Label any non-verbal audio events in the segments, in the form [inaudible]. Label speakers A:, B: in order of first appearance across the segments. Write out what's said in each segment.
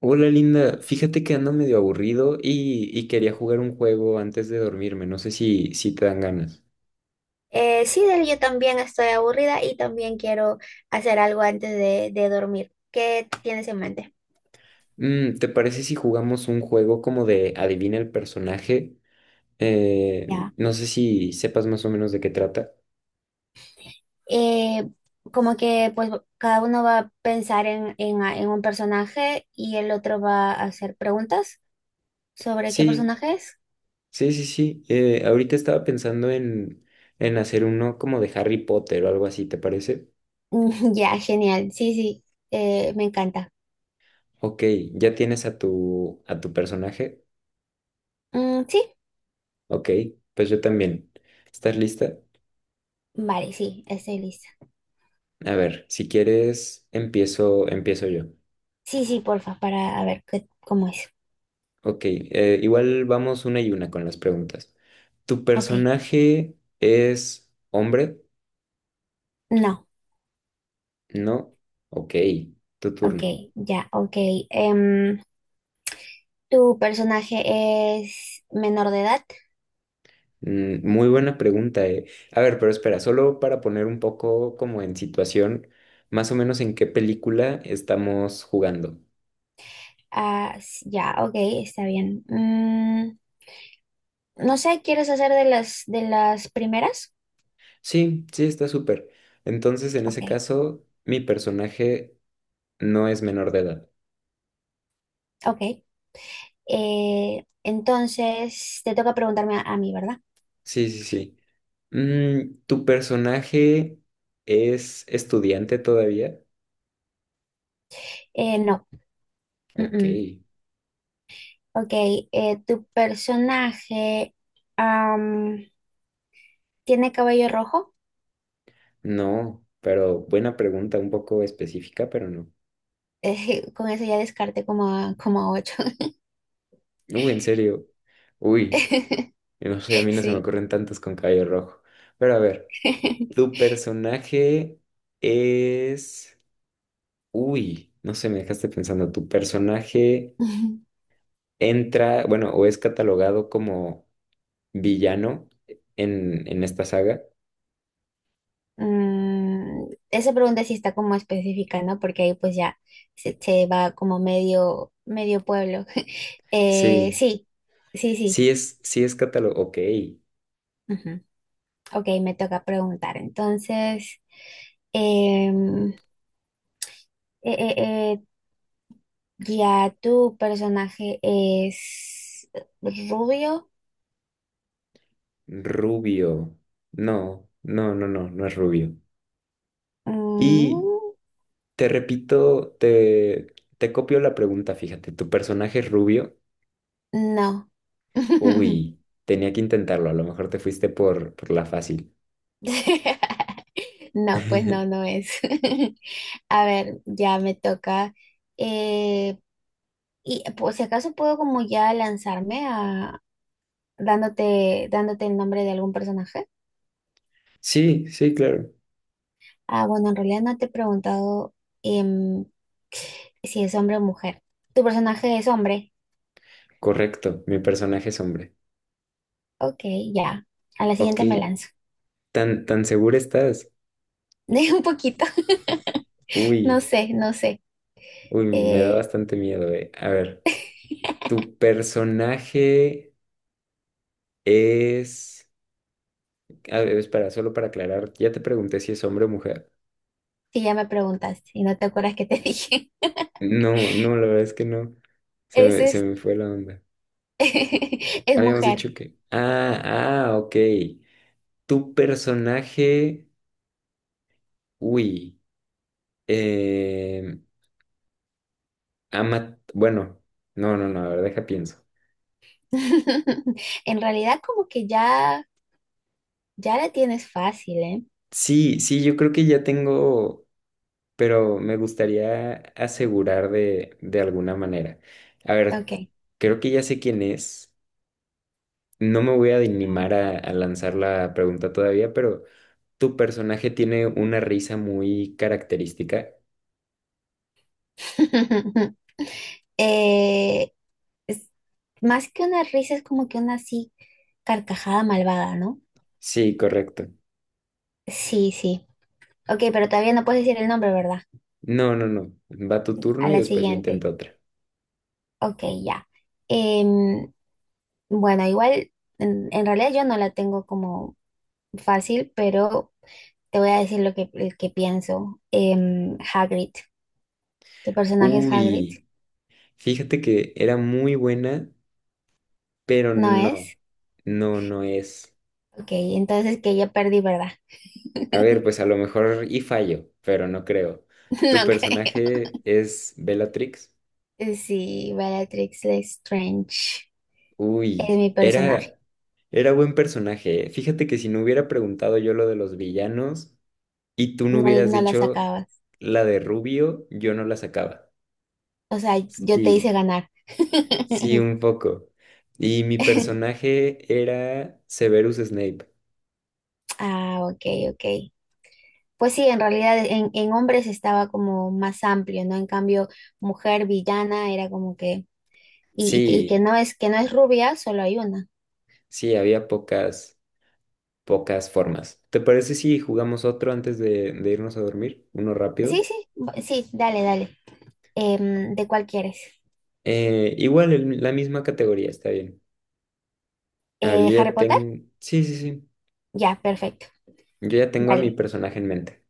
A: Hola Linda, fíjate que ando medio aburrido y quería jugar un juego antes de dormirme, no sé si te dan ganas.
B: Sí, Del, yo también estoy aburrida y también quiero hacer algo antes de dormir. ¿Qué tienes en mente?
A: Mm, ¿te parece si jugamos un juego como de adivina el personaje?
B: Ya.
A: No sé si sepas más o menos de qué trata.
B: Eh, Como que pues cada uno va a pensar en un personaje y el otro va a hacer preguntas sobre qué
A: Sí,
B: personaje es.
A: sí, sí, sí. Ahorita estaba pensando en hacer uno como de Harry Potter o algo así, ¿te parece?
B: Mm, [laughs] ya, genial. Sí, sí, me encanta.
A: Ok, ¿ya tienes a tu personaje?
B: Mm, sí,
A: Ok, pues yo también. ¿Estás lista?
B: vale, sí, estoy lista.
A: A ver, si quieres, empiezo yo.
B: Sí, sí, porfa, para a ver qué, cómo es.
A: Ok, igual vamos una y una con las preguntas. ¿Tu
B: Ok,
A: personaje es hombre?
B: no,
A: No. Ok, tu
B: ok,
A: turno.
B: ya, ok. em, ¿Tu personaje es menor de edad?
A: Mm, muy buena pregunta, eh. A ver, pero espera, solo para poner un poco como en situación, más o menos en qué película estamos jugando.
B: Ah, ya, ok, está bien. Mm, no sé, ¿quieres hacer de las primeras?
A: Sí, sí, está súper. Entonces, en
B: Ok,
A: ese caso, mi personaje no es menor de edad.
B: ok. Entonces te toca preguntarme a mí, ¿verdad?
A: Sí, sí, sí. Mm, ¿tu personaje es estudiante todavía?
B: No.
A: Ok,
B: Mm. Ok, ¿tu personaje am, tiene cabello rojo?
A: no, pero buena pregunta, un poco específica, pero no.
B: [laughs] Con eso ya descarte como a, como a ocho.
A: Uy, en serio. Uy,
B: [laughs]
A: no sé, a mí no se me
B: Sí.
A: ocurren tantos con cabello rojo. Pero a ver, ¿tu
B: [laughs]
A: personaje es... Uy, no sé, me dejaste pensando, ¿tu personaje entra, bueno, o es catalogado como villano en esta saga?
B: Mm, esa pregunta sí está como específica, ¿no? Porque ahí pues ya se va como medio, medio pueblo. [laughs]
A: Sí.
B: Sí, sí, sí.
A: Sí es catálogo, ok.
B: Ujú. Ok, me toca preguntar. Entonces, em, eh, eh, eh, ya tu personaje es rubio.
A: Rubio. No, no, no, no, no es rubio. Y
B: Mm,
A: te repito, te copio la pregunta, fíjate, ¿tu personaje es rubio?
B: no. [laughs]
A: Uy, tenía que intentarlo, a lo mejor te fuiste por la fácil.
B: No, pues no, no
A: [laughs]
B: es. [laughs] A ver, ya me toca. eh, Y pues si acaso puedo como ya lanzarme a dándote el nombre de algún personaje.
A: Sí, sí, claro.
B: Ah, bueno, en realidad no te he preguntado em, si es hombre o mujer. Tu personaje es hombre.
A: Correcto, mi personaje es hombre.
B: Ok, ya. A la
A: Ok,
B: siguiente me lanzo.
A: ¿tan segura estás?
B: [laughs] De un poquito. [laughs] No
A: Uy,
B: sé, no sé.
A: uy, me da
B: Eh,
A: bastante miedo, eh. A ver, ¿tu personaje es... A ver, espera, solo para aclarar, ya te pregunté si es hombre o mujer.
B: si ya me preguntaste y no te acuerdas que te [laughs] dije.
A: No, no, la verdad es que no. Se
B: Es,
A: me, se
B: es,
A: me fue la onda.
B: [laughs] es
A: Habíamos
B: mujer.
A: dicho que. Ah, ah, ok. Tu personaje. Uy. Eh, Ama. Bueno, no, no, no, a ver, deja pienso.
B: [laughs] En realidad como que ya, ya la tienes fácil, ¿eh?
A: Sí, sí, yo creo que ya tengo. Pero me gustaría asegurar de alguna manera. A ver,
B: Ok.
A: creo que ya sé quién es. No me voy a animar a lanzar la pregunta todavía, pero. Tu personaje tiene una risa muy característica.
B: [laughs] Eh, es más que una risa, es como que una así carcajada malvada, ¿no?
A: Sí, correcto.
B: Sí, sí. Ok, pero todavía no puedes decir el nombre, ¿verdad?
A: No, no, no. Va tu turno
B: A
A: y
B: la
A: después yo
B: siguiente.
A: intento otra.
B: Ok, ya. Em, bueno, igual, en realidad yo no la tengo como fácil, pero te voy a decir el que pienso. Em, Hagrid. ¿Tu personaje es Hagrid?
A: Uy, fíjate que era muy buena, pero
B: ¿No
A: no.
B: es?
A: No, no es.
B: Ok, entonces que ya perdí, ¿verdad?
A: A ver, pues a lo mejor y fallo, pero no creo.
B: [laughs]
A: ¿Tu
B: No creo.
A: personaje es Bellatrix?
B: Sí, Bellatrix Lestrange es
A: Uy,
B: mi personaje.
A: era, era buen personaje. ¿Eh? Fíjate que si no hubiera preguntado yo lo de los villanos. Y tú no
B: No,
A: hubieras
B: no la
A: dicho
B: sacabas.
A: la de Rubio, yo no la sacaba.
B: O sea, yo te hice
A: Sí,
B: ganar.
A: sí, un
B: [laughs]
A: poco. Y mi personaje era Severus Snape.
B: Ah, ok, ok. Pues sí, en realidad en hombres estaba como más amplio, ¿no? En cambio, mujer villana era como que, y
A: Sí,
B: que no es rubia, solo hay una.
A: sí, había pocas, pocas formas. ¿Te parece si jugamos otro antes de irnos a dormir? Uno
B: Sí,
A: rápido.
B: sí, sí, dale, dale. Em, ¿de cuál quieres?
A: Igual, la misma categoría, está bien. A ver, yo
B: ¿Harry
A: ya
B: Potter?
A: tengo... Sí, sí, sí.
B: Ya, perfecto.
A: Yo ya tengo a mi
B: Dale.
A: personaje en mente.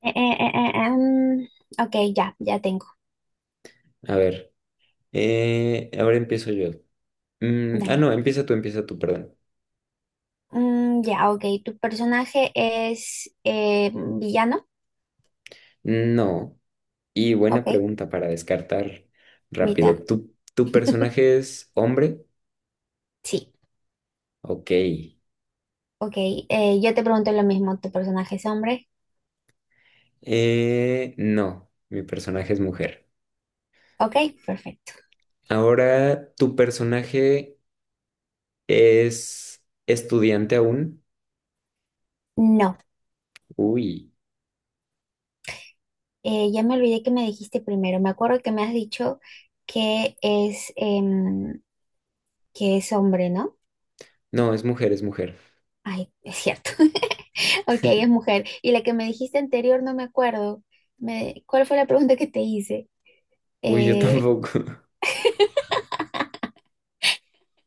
B: Eh, eh, eh, eh, em, ok, ya, ya tengo.
A: A ver, ahora empiezo yo. Mm, ah,
B: Dale.
A: no, empieza tú, perdón.
B: Mm, ya, ok. ¿Tu personaje es villano?
A: No. Y buena
B: Ok,
A: pregunta para descartar
B: mitad.
A: rápido. ¿Tu
B: [laughs]
A: personaje es hombre?
B: Sí,
A: Ok.
B: ok. Yo te pregunto lo mismo, ¿tu personaje es hombre?
A: No, mi personaje es mujer.
B: Ok, perfecto.
A: Ahora, ¿tu personaje es estudiante aún?
B: No,
A: Uy,
B: ya me olvidé que me dijiste primero. Me acuerdo que me has dicho que es, que es hombre, ¿no?
A: no, es mujer, es mujer.
B: Ay, es cierto. [laughs] Ok, es mujer. Y la que me dijiste anterior no me acuerdo. Me- ¿cuál fue la pregunta que te hice?
A: Uy, yo
B: Eh,
A: tampoco.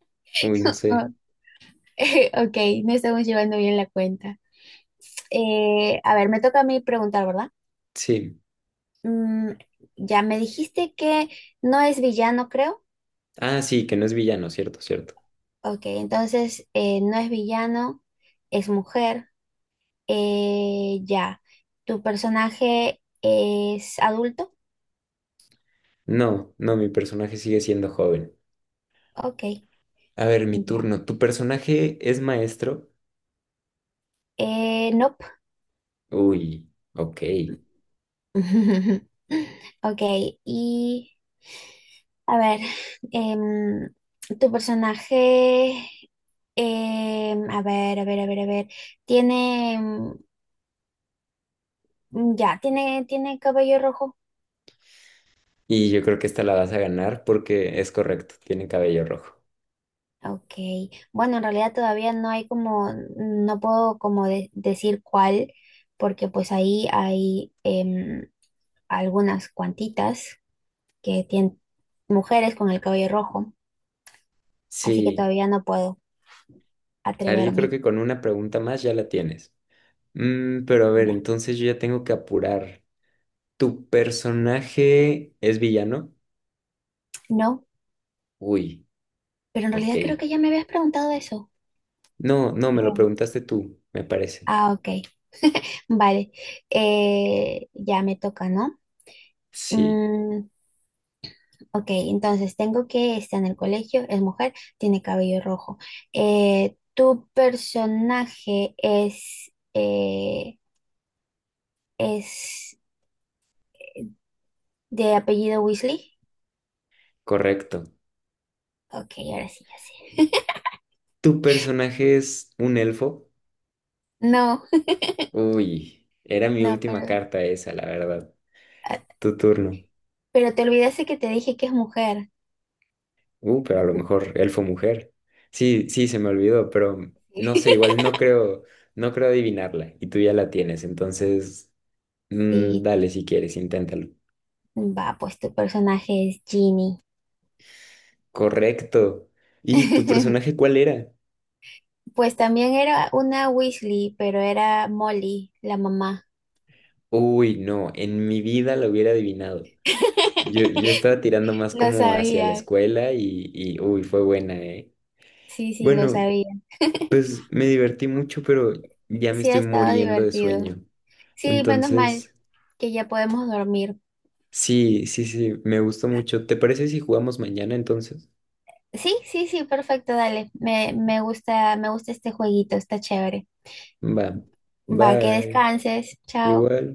A: [laughs] Uy, no sé.
B: [laughs] ok, no estamos llevando bien la cuenta. A ver, me toca a mí preguntar, ¿verdad?
A: Sí.
B: Mm, ya me dijiste que no es villano, creo.
A: Ah, sí, que no es villano, cierto, cierto.
B: Ok, entonces no es villano, es mujer. Ya. ¿Tu personaje es adulto?
A: No, no, mi personaje sigue siendo joven.
B: Ok,
A: A ver, mi
B: ya.
A: turno. ¿Tu personaje es maestro?
B: Nope.
A: Uy, ok.
B: [laughs] Ok, y a ver, em, tu personaje, em, a ver, tiene, em, ya, tiene cabello rojo.
A: Y yo creo que esta la vas a ganar porque es correcto, tiene cabello rojo.
B: Ok, bueno, en realidad todavía no hay como, no puedo como decir cuál, porque pues ahí hay em, algunas cuantitas que tienen mujeres con el cabello rojo, así que
A: Sí,
B: todavía no puedo
A: a ver, yo creo
B: atreverme.
A: que con una pregunta más ya la tienes. Mm, pero a ver,
B: No,
A: entonces yo ya tengo que apurar. ¿Tu personaje es villano?
B: no,
A: Uy,
B: pero en
A: ok.
B: realidad creo que ya me habías preguntado eso.
A: No, no, me lo
B: Creo.
A: preguntaste tú, me parece.
B: Ah, ok, vale, eh, ya me toca, ¿no?
A: Sí,
B: Mm, ok, entonces tengo que está en el colegio, es mujer, tiene cabello rojo. ¿Tu personaje es de apellido Weasley?
A: correcto.
B: Ok, ahora sí, ya sé.
A: ¿Tu personaje es un elfo?
B: No, [laughs]
A: Uy, era mi
B: no,
A: última
B: pero,
A: carta esa, la verdad.
B: ah,
A: Tu turno.
B: pero te olvidaste que te dije que es mujer.
A: Pero a lo mejor elfo mujer. Sí, sí, se me olvidó, pero no sé,
B: [laughs]
A: igual no creo, no creo adivinarla y tú ya la tienes, entonces mm,
B: Sí,
A: dale si quieres, inténtalo.
B: va, pues tu personaje es Ginny.
A: Correcto. ¿Y tu personaje
B: [laughs]
A: cuál era?
B: Pues también era una Weasley, pero era Molly, la mamá.
A: Uy, no, en mi vida lo hubiera adivinado. Yo,
B: [laughs]
A: yo estaba tirando más
B: Lo
A: como hacia la
B: sabía,
A: escuela y uy, fue buena, ¿eh?
B: sí, sí, lo
A: Bueno,
B: sabía.
A: pues me divertí mucho, pero ya me
B: Sí, ha
A: estoy
B: estado
A: muriendo de
B: divertido.
A: sueño.
B: Sí, menos mal
A: Entonces...
B: que ya podemos dormir.
A: Sí, sí, sí, me gustó mucho. ¿Te parece si jugamos mañana entonces?
B: Sí, sí, sí, perfecto, dale. Me gusta, me gusta este jueguito, está chévere.
A: Va,
B: Va, que
A: bye,
B: descanses. Chao.
A: igual.